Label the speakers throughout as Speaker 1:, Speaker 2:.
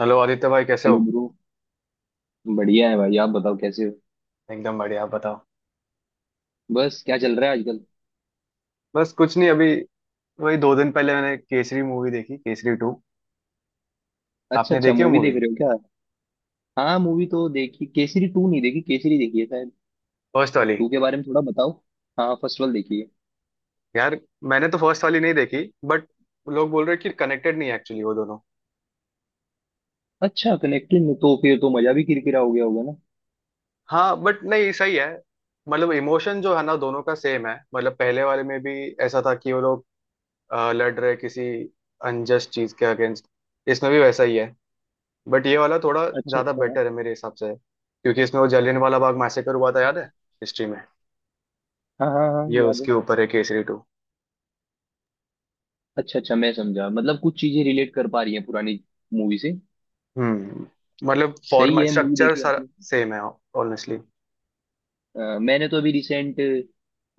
Speaker 1: Hello Aditya भाई, कैसे हो।
Speaker 2: Hello bro. बढ़िया है भाई, आप बताओ कैसे हो।
Speaker 1: एकदम बढ़िया, आप बताओ।
Speaker 2: बस क्या चल रहा है आजकल।
Speaker 1: बस कुछ नहीं अभी, वही 2 दिन पहले मैंने केसरी मूवी देखी, केसरी टू।
Speaker 2: अच्छा
Speaker 1: आपने
Speaker 2: अच्छा,
Speaker 1: देखी हो
Speaker 2: मूवी देख
Speaker 1: मूवी?
Speaker 2: रहे हो क्या। हाँ, मूवी तो देखी। केसरी टू नहीं देखी, केसरी देखी है शायद।
Speaker 1: फर्स्ट वाली?
Speaker 2: टू के बारे में थोड़ा बताओ। हाँ, फर्स्ट वाला देखी है।
Speaker 1: यार, मैंने तो फर्स्ट वाली नहीं देखी, बट लोग बोल रहे हैं कि कनेक्टेड नहीं है एक्चुअली वो दोनों।
Speaker 2: अच्छा, कनेक्टेड में तो फिर तो मजा भी किरकिरा हो गया होगा ना।
Speaker 1: हाँ, बट नहीं, सही है। मतलब इमोशन जो है ना, दोनों का सेम है। मतलब पहले वाले में भी ऐसा था कि वो लोग लड़ रहे किसी अनजस्ट चीज के अगेंस्ट। इसमें भी वैसा ही है। बट ये वाला थोड़ा
Speaker 2: अच्छा
Speaker 1: ज्यादा
Speaker 2: अच्छा।
Speaker 1: बेटर है मेरे हिसाब से, क्योंकि इसमें वो जलियांवाला बाग मैसेकर हुआ था, याद है, हिस्ट्री में।
Speaker 2: हाँ हाँ हाँ हाँ,
Speaker 1: ये
Speaker 2: याद है।
Speaker 1: उसके ऊपर है केसरी टू।
Speaker 2: अच्छा अच्छा, मैं समझा। मतलब कुछ चीजें रिलेट कर पा रही हैं पुरानी मूवी से।
Speaker 1: हम्म। मतलब
Speaker 2: सही
Speaker 1: फॉर्मेट,
Speaker 2: है। मूवी
Speaker 1: स्ट्रक्चर
Speaker 2: देखी
Speaker 1: सारा
Speaker 2: आपने।
Speaker 1: सेम है, ऑनेस्टली।
Speaker 2: मैंने तो अभी रिसेंट,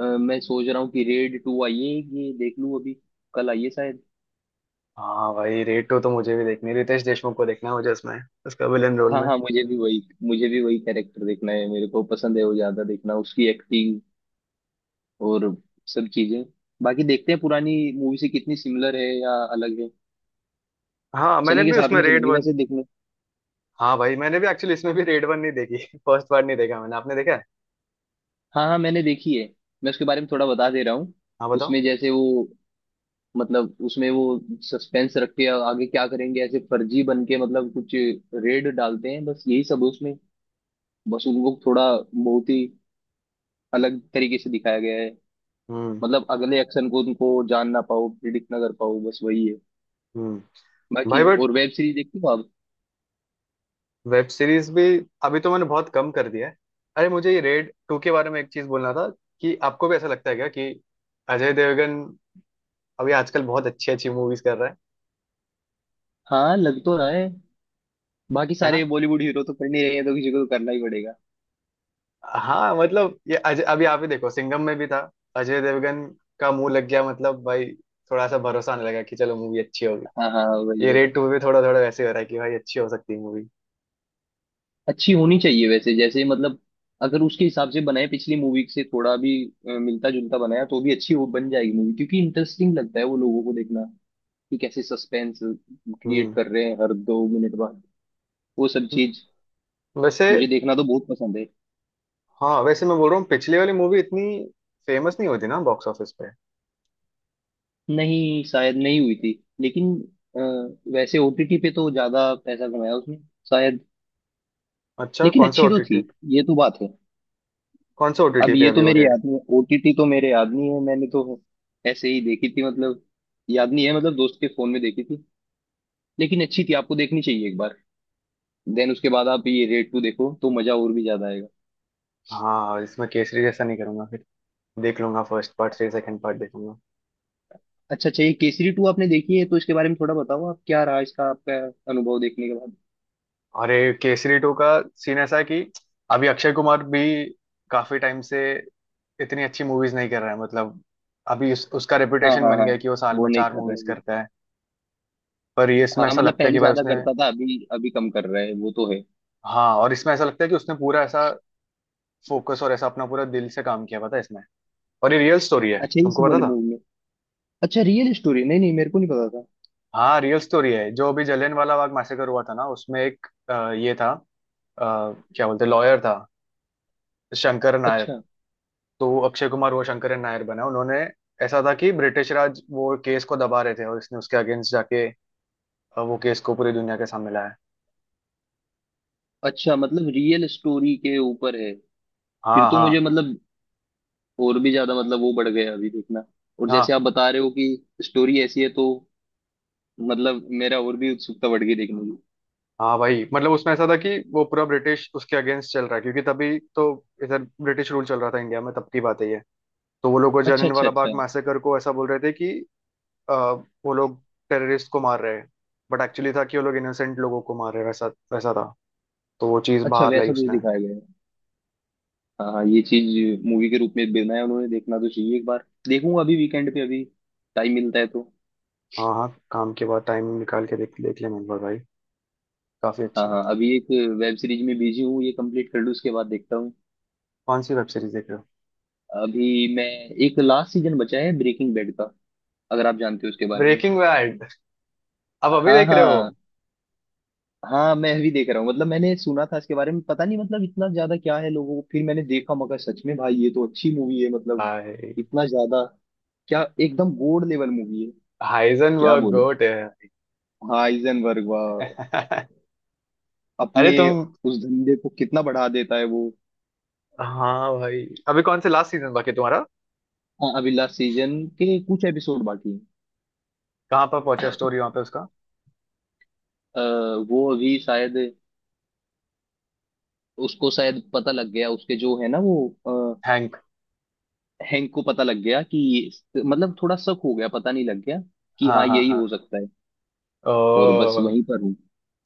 Speaker 2: मैं सोच रहा हूँ कि रेड टू आई है, ये देख लूँ अभी। कल आई है शायद।
Speaker 1: हाँ भाई, रेड टू तो मुझे भी देखनी है, रितेश देशमुख को देखना है मुझे उसमें, उसका विलन रोल
Speaker 2: हाँ
Speaker 1: में।
Speaker 2: हाँ, मुझे भी वही। मुझे भी वही कैरेक्टर देखना है, मेरे को पसंद है वो ज्यादा देखना, उसकी एक्टिंग और सब चीजें। बाकी देखते हैं पुरानी मूवी से कितनी सिमिलर है या अलग है।
Speaker 1: हाँ, मैंने
Speaker 2: चलेंगे,
Speaker 1: भी
Speaker 2: साथ
Speaker 1: उसमें
Speaker 2: में
Speaker 1: रेड
Speaker 2: चलेंगे
Speaker 1: वन।
Speaker 2: वैसे देखने।
Speaker 1: हाँ भाई, मैंने भी एक्चुअली इसमें भी रेड वन नहीं देखी फर्स्ट पार्ट नहीं देखा मैंने, आपने देखा है?
Speaker 2: हाँ हाँ, मैंने देखी है। मैं उसके बारे में थोड़ा बता दे रहा हूँ।
Speaker 1: हाँ बताओ।
Speaker 2: उसमें जैसे वो, मतलब उसमें वो सस्पेंस रख के आगे क्या करेंगे, ऐसे फर्जी बन के मतलब कुछ रेड डालते हैं, बस यही सब है उसमें। बस उनको थोड़ा बहुत ही अलग तरीके से दिखाया गया है।
Speaker 1: हम्म।
Speaker 2: मतलब अगले एक्शन को उनको जान ना पाओ, प्रिडिक्ट ना कर पाओ, बस वही है।
Speaker 1: हम्म।
Speaker 2: बाकी
Speaker 1: भाई, बट
Speaker 2: और वेब सीरीज देखती हो आप।
Speaker 1: वेब सीरीज भी अभी तो मैंने बहुत कम कर दिया है। अरे मुझे ये रेड टू के बारे में एक चीज बोलना था, कि आपको भी ऐसा लगता है क्या कि अजय देवगन अभी आजकल बहुत अच्छी अच्छी मूवीज कर रहा है?
Speaker 2: हाँ, लग तो रहा है। बाकी
Speaker 1: है
Speaker 2: सारे
Speaker 1: ना।
Speaker 2: बॉलीवुड हीरो तो कर नहीं रहे हैं, तो किसी को तो करना ही पड़ेगा।
Speaker 1: हाँ मतलब, ये अजय, अभी आप ही देखो, सिंघम में भी था अजय देवगन, का मुंह लग गया, मतलब भाई, थोड़ा सा भरोसा आने लगा कि चलो मूवी अच्छी होगी।
Speaker 2: हाँ हाँ, वही
Speaker 1: ये
Speaker 2: वही।
Speaker 1: रेड टू भी थोड़ा थोड़ा वैसे हो रहा है कि भाई अच्छी हो सकती है मूवी।
Speaker 2: अच्छी होनी चाहिए वैसे, जैसे मतलब अगर उसके हिसाब से बनाए, पिछली मूवी से थोड़ा भी मिलता जुलता बनाया तो भी अच्छी हो बन जाएगी मूवी, क्योंकि इंटरेस्टिंग लगता है वो लोगों को देखना कि कैसे सस्पेंस क्रिएट
Speaker 1: हम्म।
Speaker 2: कर रहे हैं हर 2 मिनट बाद, वो सब चीज।
Speaker 1: वैसे।
Speaker 2: मुझे देखना तो बहुत पसंद है।
Speaker 1: हाँ वैसे, मैं बोल रहा हूँ, पिछली वाली मूवी इतनी फेमस नहीं होती ना बॉक्स ऑफिस पे।
Speaker 2: नहीं शायद नहीं हुई थी, लेकिन वैसे ओटीटी पे तो ज्यादा पैसा कमाया उसने शायद।
Speaker 1: अच्छा,
Speaker 2: लेकिन
Speaker 1: कौन से
Speaker 2: अच्छी तो थी,
Speaker 1: ओटीटी?
Speaker 2: ये तो बात है।
Speaker 1: कौन से ओटीटी
Speaker 2: अब
Speaker 1: पे
Speaker 2: ये
Speaker 1: अभी
Speaker 2: तो
Speaker 1: वो
Speaker 2: मेरे
Speaker 1: रेड?
Speaker 2: याद नहीं, ओटीटी तो मेरे याद नहीं है। मैंने तो ऐसे ही देखी थी, मतलब याद नहीं है। मतलब दोस्त के फोन में देखी थी, लेकिन अच्छी थी। आपको देखनी चाहिए एक बार। देन उसके बाद आप ये रेड टू देखो तो मजा और भी ज्यादा आएगा।
Speaker 1: हाँ, इसमें केसरी जैसा नहीं करूंगा फिर। देख लूंगा फर्स्ट पार्ट, फिर सेकंड पार्ट देखूंगा।
Speaker 2: अच्छा अच्छा, ये केसरी टू आपने देखी है तो इसके बारे में थोड़ा बताओ, आप क्या रहा इसका आपका अनुभव देखने के बाद।
Speaker 1: अरे केसरी टू का सीन ऐसा है कि अभी अक्षय कुमार भी काफी टाइम से इतनी अच्छी मूवीज नहीं कर रहा है, मतलब अभी उसका
Speaker 2: हाँ
Speaker 1: रेपुटेशन
Speaker 2: हाँ
Speaker 1: बन
Speaker 2: हाँ,
Speaker 1: गया है कि वो साल
Speaker 2: वो
Speaker 1: में
Speaker 2: नहीं
Speaker 1: चार
Speaker 2: कर
Speaker 1: मूवीज
Speaker 2: रहे।
Speaker 1: करता है। पर ये इसमें
Speaker 2: हाँ,
Speaker 1: ऐसा
Speaker 2: मतलब
Speaker 1: लगता है
Speaker 2: पहले
Speaker 1: कि भाई
Speaker 2: ज्यादा
Speaker 1: उसने।
Speaker 2: करता था, अभी अभी कम कर रहा है वो तो है।
Speaker 1: हाँ, और इसमें ऐसा लगता है कि उसने पूरा ऐसा फोकस और ऐसा अपना पूरा दिल से काम किया, पता है इसमें। और ये रियल स्टोरी है,
Speaker 2: अच्छा, इस
Speaker 1: तुमको पता
Speaker 2: वाले
Speaker 1: था?
Speaker 2: मूवी में। अच्छा, रियल स्टोरी, नहीं नहीं मेरे को नहीं पता था।
Speaker 1: हाँ रियल स्टोरी है, जो अभी जलियांवाला बाग मैसेकर हुआ था ना, उसमें एक ये था, अ, क्या बोलते, लॉयर था, शंकर नायर।
Speaker 2: अच्छा
Speaker 1: तो अक्षय कुमार वो शंकर नायर बना उन्होंने। ऐसा था कि ब्रिटिश राज वो केस को दबा रहे थे और इसने उसके अगेंस्ट जाके वो केस को पूरी दुनिया के सामने लाया।
Speaker 2: अच्छा, मतलब रियल स्टोरी के ऊपर है। फिर
Speaker 1: हाँ
Speaker 2: तो
Speaker 1: हाँ
Speaker 2: मुझे मतलब और भी ज्यादा, मतलब वो बढ़ गया अभी देखना। और जैसे
Speaker 1: हाँ।
Speaker 2: आप बता रहे हो कि स्टोरी ऐसी है तो, मतलब मेरा और भी उत्सुकता बढ़ गई देखने की।
Speaker 1: हाँ भाई, मतलब उसमें ऐसा था कि वो पूरा ब्रिटिश उसके अगेंस्ट चल रहा है, क्योंकि तभी तो इधर ब्रिटिश रूल चल रहा था इंडिया में, तब की बात है ये। तो वो लोग, वो
Speaker 2: अच्छा अच्छा
Speaker 1: जलियांवाला बाग
Speaker 2: अच्छा।
Speaker 1: मैसेकर को ऐसा बोल रहे थे कि अ, वो लोग टेररिस्ट को मार रहे हैं, बट एक्चुअली था कि वो लोग इनोसेंट लोगों को मार रहे हैं, वैसा वैसा था। तो वो चीज़
Speaker 2: अच्छा,
Speaker 1: बाहर लाई
Speaker 2: वैसा कुछ
Speaker 1: उसने।
Speaker 2: दिखाया गया है। हाँ हाँ, ये चीज मूवी के रूप में बनाया उन्होंने। देखना तो चाहिए, एक बार देखूंगा अभी वीकेंड पे, अभी टाइम मिलता है तो।
Speaker 1: हाँ हाँ, काम के बाद टाइम निकाल के देख देख लिया, मैंने बोला, भाई काफी
Speaker 2: हाँ
Speaker 1: अच्छी है।
Speaker 2: हाँ, अभी एक वेब सीरीज में बिजी हूँ। ये कंप्लीट कर लूँ उसके बाद देखता हूँ।
Speaker 1: कौन सी वेब सीरीज देख रहे हो?
Speaker 2: अभी मैं, एक लास्ट सीजन बचा है ब्रेकिंग बैड का, अगर आप जानते हो उसके बारे में।
Speaker 1: Breaking Bad? अब अभी
Speaker 2: हाँ
Speaker 1: देख रहे हो?
Speaker 2: हाँ। हाँ मैं अभी देख रहा हूँ। मतलब मैंने सुना था इसके बारे में, पता नहीं मतलब इतना ज्यादा क्या है लोगों को, फिर मैंने देखा मगर सच में भाई ये तो अच्छी मूवी है। मतलब
Speaker 1: हाय,
Speaker 2: इतना ज्यादा क्या, एकदम गोल्ड लेवल मूवी है। क्या
Speaker 1: हाइजनबर्ग
Speaker 2: बोले।
Speaker 1: गोट है
Speaker 2: हाँ, हाइजेनबर्ग, वाह। अपने
Speaker 1: अरे तुम।
Speaker 2: उस धंधे को कितना बढ़ा देता है वो।
Speaker 1: हाँ भाई, अभी कौन से लास्ट सीजन बाकी है तुम्हारा?
Speaker 2: हाँ, अभी लास्ट सीजन के कुछ एपिसोड बाकी हैं।
Speaker 1: कहाँ पर पहुंचा स्टोरी वहां पे उसका?
Speaker 2: अ, वो अभी शायद, उसको शायद पता लग गया, उसके जो है ना वो, अ,
Speaker 1: हैंक?
Speaker 2: हैंक को पता लग गया कि मतलब थोड़ा शक हो गया, पता नहीं लग गया कि
Speaker 1: हाँ
Speaker 2: हाँ
Speaker 1: हाँ
Speaker 2: यही
Speaker 1: हाँ।
Speaker 2: हो सकता है।
Speaker 1: ओ,
Speaker 2: और बस वहीं पर हूँ।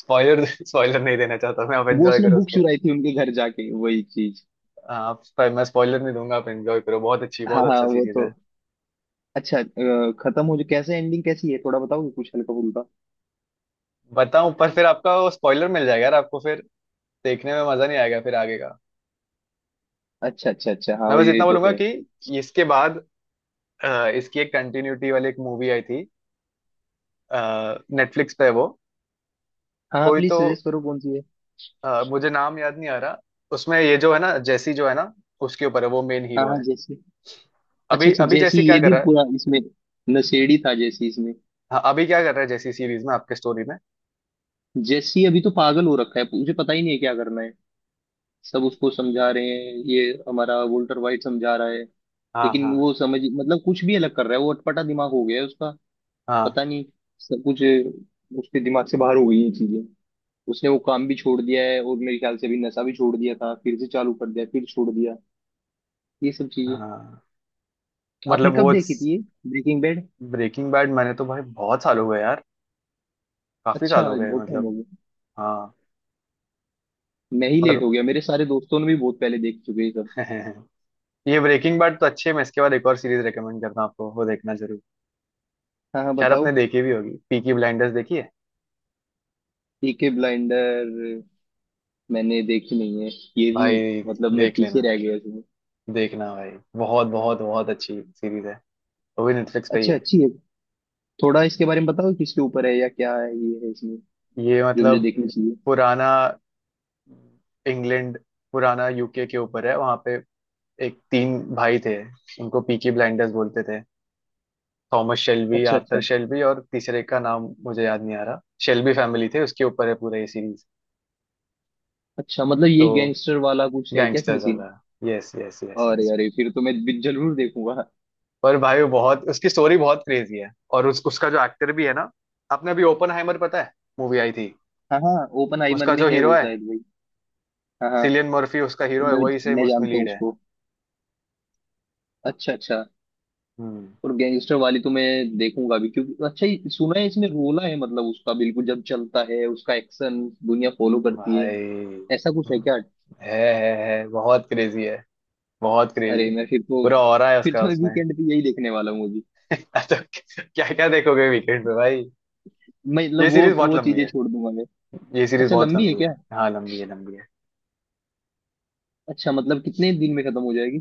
Speaker 1: स्पॉइलर स्पॉइलर नहीं देना चाहता मैं, आप
Speaker 2: वो
Speaker 1: एंजॉय
Speaker 2: उसने
Speaker 1: करो
Speaker 2: बुक
Speaker 1: उसको।
Speaker 2: चुराई थी उनके घर जाके, वही चीज।
Speaker 1: आप, मैं स्पॉइलर नहीं दूंगा, आप एंजॉय करो, बहुत अच्छी, बहुत
Speaker 2: हाँ हाँ,
Speaker 1: अच्छा
Speaker 2: वो
Speaker 1: सीरीज
Speaker 2: तो।
Speaker 1: है।
Speaker 2: अच्छा खत्म हो जो, कैसे एंडिंग कैसी है, थोड़ा बताओगे कुछ हल्का फुल्का।
Speaker 1: बताऊं? पर फिर आपका वो स्पॉइलर मिल जाएगा यार, आपको फिर देखने में मजा नहीं आएगा फिर आगे का।
Speaker 2: अच्छा अच्छा अच्छा, हाँ
Speaker 1: मैं
Speaker 2: वो
Speaker 1: बस
Speaker 2: ये
Speaker 1: इतना
Speaker 2: तो
Speaker 1: बोलूंगा
Speaker 2: है।
Speaker 1: कि इसके बाद इसकी एक कंटिन्यूटी वाली एक मूवी आई थी, नेटफ्लिक्स पे है वो।
Speaker 2: हाँ हाँ,
Speaker 1: कोई
Speaker 2: प्लीज
Speaker 1: तो
Speaker 2: सजेस्ट करो कौन सी है।
Speaker 1: मुझे नाम याद नहीं आ रहा। उसमें ये जो है ना, जैसी, जो है ना, उसके ऊपर है, वो मेन
Speaker 2: हाँ
Speaker 1: हीरो
Speaker 2: हाँ,
Speaker 1: है।
Speaker 2: जैसी। अच्छा
Speaker 1: अभी
Speaker 2: अच्छा,
Speaker 1: अभी
Speaker 2: जैसी
Speaker 1: जैसी क्या
Speaker 2: ये
Speaker 1: कर
Speaker 2: भी
Speaker 1: रहा है?
Speaker 2: पूरा इसमें नशेड़ी था जैसी, इसमें।
Speaker 1: हाँ, अभी क्या कर रहा है जैसी सीरीज में, आपके स्टोरी में?
Speaker 2: जैसी अभी तो पागल हो रखा है, मुझे पता ही नहीं है क्या करना है। सब उसको समझा रहे हैं, ये हमारा वोल्टर वाइट समझा रहा है,
Speaker 1: हाँ
Speaker 2: लेकिन
Speaker 1: हाँ
Speaker 2: वो समझ, मतलब कुछ भी अलग कर रहा है वो, अटपटा दिमाग हो गया है उसका,
Speaker 1: हाँ
Speaker 2: पता नहीं। सब कुछ उसके दिमाग से बाहर हो गई है चीजें। उसने वो काम भी छोड़ दिया है, और मेरे ख्याल से अभी नशा भी छोड़ दिया था फिर से चालू कर दिया, फिर छोड़ दिया, ये सब चीजें।
Speaker 1: हाँ। मतलब
Speaker 2: आपने
Speaker 1: वो
Speaker 2: कब देखी थी ये ब्रेकिंग बैड।
Speaker 1: ब्रेकिंग बैड, मैंने तो भाई बहुत साल हो गए यार, काफी साल
Speaker 2: अच्छा
Speaker 1: हो गए
Speaker 2: बहुत टाइम हो
Speaker 1: मतलब।
Speaker 2: गया।
Speaker 1: हाँ।
Speaker 2: मैं ही
Speaker 1: पर
Speaker 2: लेट हो गया, मेरे सारे दोस्तों ने भी बहुत पहले देख चुके हैं ये सब।
Speaker 1: ये ब्रेकिंग बैड तो अच्छे, मैं इसके बाद एक और सीरीज रेकमेंड करता हूँ आपको, वो देखना जरूर।
Speaker 2: हाँ हाँ
Speaker 1: शायद
Speaker 2: बताओ।
Speaker 1: आपने देखी भी होगी, पीकी ब्लाइंडर्स देखी है?
Speaker 2: पीके ब्लाइंडर, मैंने देखी नहीं है ये भी।
Speaker 1: भाई,
Speaker 2: मतलब मैं
Speaker 1: देख
Speaker 2: पीछे
Speaker 1: लेना,
Speaker 2: रह गया इसमें।
Speaker 1: देखना भाई, बहुत बहुत बहुत अच्छी सीरीज है, वो भी नेटफ्लिक्स पे ही
Speaker 2: अच्छा,
Speaker 1: है।
Speaker 2: अच्छी है। थोड़ा इसके बारे में बताओ, किसके ऊपर है या क्या है ये, है इसमें
Speaker 1: ये
Speaker 2: जो मुझे
Speaker 1: मतलब
Speaker 2: देखनी चाहिए।
Speaker 1: पुराना इंग्लैंड, पुराना यूके के ऊपर है, वहां पे एक तीन भाई थे, उनको पीकी ब्लाइंडर्स बोलते थे। थॉमस शेल्बी,
Speaker 2: अच्छा अच्छा
Speaker 1: आर्थर शेल्बी और तीसरे का नाम मुझे याद नहीं आ रहा। शेल्बी फैमिली थे, उसके ऊपर है पूरा ये सीरीज।
Speaker 2: अच्छा, मतलब
Speaker 1: तो
Speaker 2: ये गैंगस्टर वाला कुछ है क्या इसमें
Speaker 1: गैंगस्टर्स
Speaker 2: सीन।
Speaker 1: वाला, यस यस यस
Speaker 2: अरे
Speaker 1: यस।
Speaker 2: अरे फिर तो मैं भी जरूर देखूंगा।
Speaker 1: पर भाई वो बहुत, उसकी स्टोरी बहुत क्रेजी है, और उस उसका जो एक्टर भी है ना, आपने अभी ओपनहाइमर पता है मूवी आई थी,
Speaker 2: हाँ हाँ, ओपन आइमर
Speaker 1: उसका
Speaker 2: में
Speaker 1: जो
Speaker 2: है
Speaker 1: हीरो
Speaker 2: वो
Speaker 1: है,
Speaker 2: शायद भाई। हाँ हाँ।
Speaker 1: सिलियन मर्फी उसका हीरो है,
Speaker 2: मैं
Speaker 1: वही सेम
Speaker 2: मैं
Speaker 1: उसमें
Speaker 2: जानता हूँ
Speaker 1: लीड है।
Speaker 2: उसको। अच्छा अच्छा।
Speaker 1: हम्म।
Speaker 2: और गैंगस्टर वाली तो मैं देखूंगा भी, क्योंकि अच्छा ये सुना है इसमें रोला है, मतलब उसका बिल्कुल जब चलता है उसका एक्शन, दुनिया फॉलो करती है,
Speaker 1: भाई
Speaker 2: ऐसा कुछ है क्या।
Speaker 1: है है बहुत क्रेजी है, बहुत क्रेजी,
Speaker 2: अरे मैं फिर तो,
Speaker 1: पूरा ऑरा है
Speaker 2: फिर
Speaker 1: उसका
Speaker 2: तो
Speaker 1: उसमें
Speaker 2: वीकेंड पे यही देखने वाला हूँ।
Speaker 1: तो क्या क्या देखोगे वीकेंड पे भाई?
Speaker 2: मैं मतलब
Speaker 1: ये सीरीज बहुत
Speaker 2: वो
Speaker 1: लंबी
Speaker 2: चीजें
Speaker 1: है,
Speaker 2: छोड़ दूंगा मैं।
Speaker 1: ये सीरीज
Speaker 2: अच्छा,
Speaker 1: बहुत
Speaker 2: लंबी है
Speaker 1: लंबी
Speaker 2: क्या।
Speaker 1: है, हाँ लंबी है, लंबी है।
Speaker 2: अच्छा मतलब कितने दिन में खत्म हो जाएगी,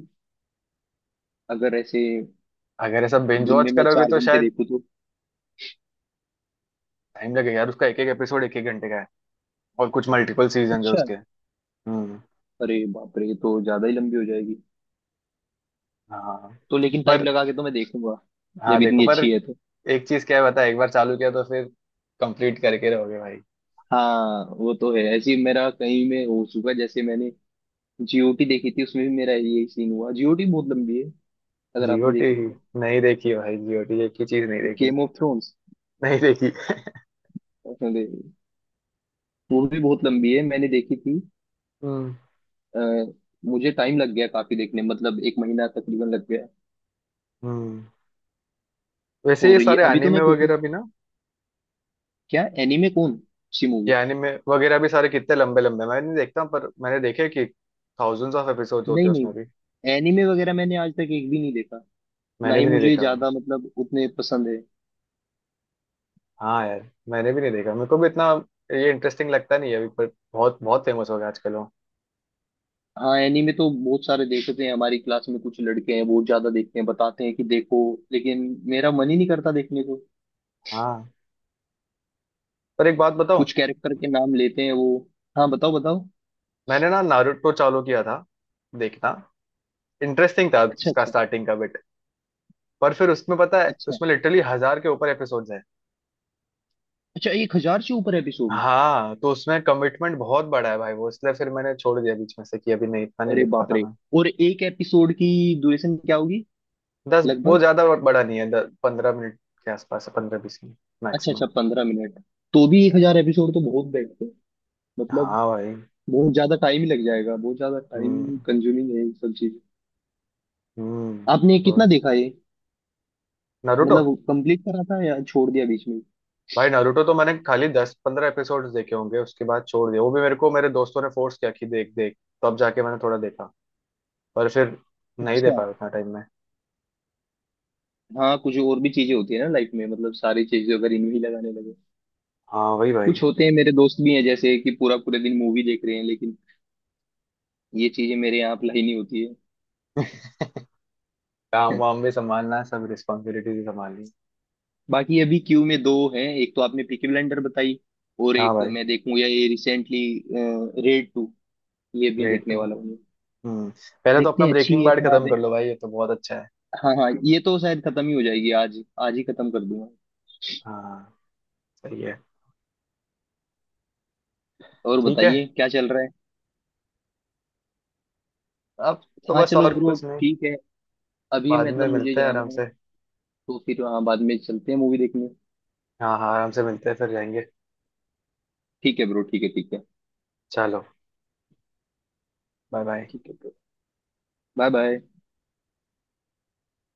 Speaker 2: अगर ऐसे
Speaker 1: अगर ऐसा बिंज
Speaker 2: दिन
Speaker 1: वॉच
Speaker 2: में मैं
Speaker 1: करोगे
Speaker 2: चार
Speaker 1: तो
Speaker 2: घंटे
Speaker 1: शायद
Speaker 2: देखूँ तो।
Speaker 1: टाइम लगेगा यार, उसका एक एक एपिसोड एक एक घंटे का है, और कुछ मल्टीपल सीजन है
Speaker 2: अच्छा।
Speaker 1: उसके। हम्म।
Speaker 2: अरे बाप रे, ये तो ज्यादा ही लंबी हो जाएगी।
Speaker 1: हाँ
Speaker 2: तो लेकिन टाइम
Speaker 1: पर,
Speaker 2: लगा के तो मैं देखूंगा,
Speaker 1: हाँ
Speaker 2: जब
Speaker 1: देखो,
Speaker 2: इतनी
Speaker 1: पर
Speaker 2: अच्छी है तो।
Speaker 1: एक चीज क्या है, बता, एक बार चालू किया तो फिर कंप्लीट करके रहोगे भाई।
Speaker 2: हाँ वो तो है, ऐसे ही मेरा कहीं में हो चुका है। जैसे मैंने जीओटी देखी थी, उसमें भी मेरा यही सीन हुआ। जीओटी बहुत लंबी है, अगर आपने
Speaker 1: जीओटी?
Speaker 2: देखी हो तो।
Speaker 1: नहीं देखी है भाई, जीओटी एक ही चीज नहीं देखी,
Speaker 2: गेम ऑफ थ्रोन्स।
Speaker 1: नहीं देखी।
Speaker 2: अरे, वो भी बहुत लंबी है, मैंने देखी थी।
Speaker 1: हम्म।
Speaker 2: अ, मुझे टाइम लग गया काफी देखने में, मतलब 1 महीना तकरीबन लग गया।
Speaker 1: हम्म। वैसे
Speaker 2: हो
Speaker 1: ये
Speaker 2: रही है
Speaker 1: सारे
Speaker 2: अभी तो
Speaker 1: एनिमे
Speaker 2: मैं देखे,
Speaker 1: वगैरह भी ना,
Speaker 2: क्या एनीमे, कौन सी मूवी।
Speaker 1: ये एनिमे वगैरह भी सारे कितने लंबे लंबे, मैं नहीं देखता, पर मैंने देखे कि थाउजेंड्स ऑफ एपिसोड्स होते
Speaker 2: नहीं
Speaker 1: हैं
Speaker 2: नहीं,
Speaker 1: उसमें भी।
Speaker 2: एनीमे वगैरह मैंने आज तक एक भी नहीं देखा। ना
Speaker 1: मैंने
Speaker 2: ही
Speaker 1: भी नहीं
Speaker 2: मुझे
Speaker 1: देखा भाई।
Speaker 2: ज्यादा, मतलब उतने पसंद है।
Speaker 1: हाँ यार, मैंने भी नहीं देखा, मेरे को भी इतना ये इंटरेस्टिंग लगता नहीं है अभी, पर बहुत बहुत फेमस हो गया आजकल वो।
Speaker 2: हाँ एनीमे तो बहुत सारे देखते हैं, हमारी क्लास में कुछ लड़के हैं बहुत ज्यादा देखते हैं, बताते हैं कि देखो, लेकिन मेरा मन ही नहीं करता देखने को।
Speaker 1: हाँ, पर एक बात बताऊं,
Speaker 2: कुछ कैरेक्टर के नाम लेते हैं वो। हाँ बताओ बताओ।
Speaker 1: मैंने ना नारुतो चालू किया था देखना, इंटरेस्टिंग था
Speaker 2: अच्छा
Speaker 1: उसका
Speaker 2: अच्छा।
Speaker 1: स्टार्टिंग का बिट। पर फिर उसमें पता है,
Speaker 2: अच्छा,
Speaker 1: उसमें लिटरली 1000 के ऊपर एपिसोड।
Speaker 2: अच्छा एक हजार से ऊपर एपिसोड।
Speaker 1: हाँ, तो उसमें कमिटमेंट बहुत बड़ा है भाई वो, इसलिए फिर मैंने छोड़ दिया बीच में से कि अभी नहीं, इतना नहीं
Speaker 2: अरे
Speaker 1: देख
Speaker 2: बाप
Speaker 1: पाता
Speaker 2: रे।
Speaker 1: मैं।
Speaker 2: और एक एपिसोड की ड्यूरेशन क्या होगी
Speaker 1: दस, वो
Speaker 2: लगभग।
Speaker 1: ज्यादा बड़ा नहीं है, 10-15 मिनट के आसपास है, 15-20 मिनट
Speaker 2: अच्छा अच्छा,
Speaker 1: मैक्सिमम।
Speaker 2: 15 मिनट तो भी 1000 एपिसोड तो बहुत बेस्ट है। मतलब
Speaker 1: हाँ भाई।
Speaker 2: बहुत ज्यादा टाइम ही लग जाएगा, बहुत ज्यादा टाइम
Speaker 1: हम्म।
Speaker 2: कंज्यूमिंग है ये सब चीज।
Speaker 1: हम्म।
Speaker 2: आपने
Speaker 1: तो
Speaker 2: कितना देखा ये,
Speaker 1: नारुतो,
Speaker 2: मतलब कंप्लीट करा था या छोड़ दिया बीच में।
Speaker 1: भाई नारुतो तो मैंने खाली 10-15 एपिसोड्स देखे होंगे, उसके बाद छोड़ दिया। वो भी मेरे को मेरे दोस्तों ने फोर्स किया कि देख देख, तो अब जाके मैंने थोड़ा देखा। पर फिर नहीं दे
Speaker 2: अच्छा।
Speaker 1: पाया उतना टाइम में।
Speaker 2: हाँ कुछ और भी चीजें होती है ना लाइफ में, मतलब सारी चीजें अगर इनमें ही लगाने लगे।
Speaker 1: हाँ वही भाई
Speaker 2: कुछ होते हैं, मेरे दोस्त भी हैं जैसे कि पूरा पूरे दिन मूवी देख रहे हैं, लेकिन ये चीजें मेरे यहाँ अप्लाई नहीं होती
Speaker 1: काम
Speaker 2: है।
Speaker 1: वाम भी संभालना है, सब रिस्पॉन्सिबिलिटीज भी संभालनी है।
Speaker 2: बाकी अभी क्यू में दो हैं, एक तो आपने पीकी ब्लाइंडर बताई, और
Speaker 1: हाँ
Speaker 2: एक
Speaker 1: भाई।
Speaker 2: मैं देखूंगा ये रिसेंटली, रेड टू, ये भी
Speaker 1: ग्रेट।
Speaker 2: देखने वाला हूँ मैं।
Speaker 1: हम्म। पहले तो
Speaker 2: देखते
Speaker 1: अपना
Speaker 2: हैं अच्छी
Speaker 1: ब्रेकिंग
Speaker 2: है
Speaker 1: बैड
Speaker 2: खराब।
Speaker 1: खत्म कर लो भाई, ये तो बहुत अच्छा है।
Speaker 2: हाँ हाँ, ये तो शायद खत्म ही हो जाएगी आज ही, आज ही खत्म कर दूंगा।
Speaker 1: हाँ, सही है।
Speaker 2: और
Speaker 1: ठीक है
Speaker 2: बताइए क्या चल रहा है।
Speaker 1: अब, तो
Speaker 2: हाँ
Speaker 1: बस
Speaker 2: चलो
Speaker 1: और
Speaker 2: ब्रो,
Speaker 1: कुछ नहीं।
Speaker 2: ठीक है, अभी
Speaker 1: बाद में
Speaker 2: मतलब मुझे
Speaker 1: मिलते हैं
Speaker 2: जाना
Speaker 1: आराम
Speaker 2: है,
Speaker 1: से।
Speaker 2: तो फिर हाँ बाद में चलते हैं मूवी देखने।
Speaker 1: हाँ हाँ आराम से मिलते हैं, फिर जाएंगे।
Speaker 2: ठीक है ब्रो, ठीक है, ठीक है।
Speaker 1: चलो, बाय बाय।
Speaker 2: ठीक है ब्रो, बाय बाय।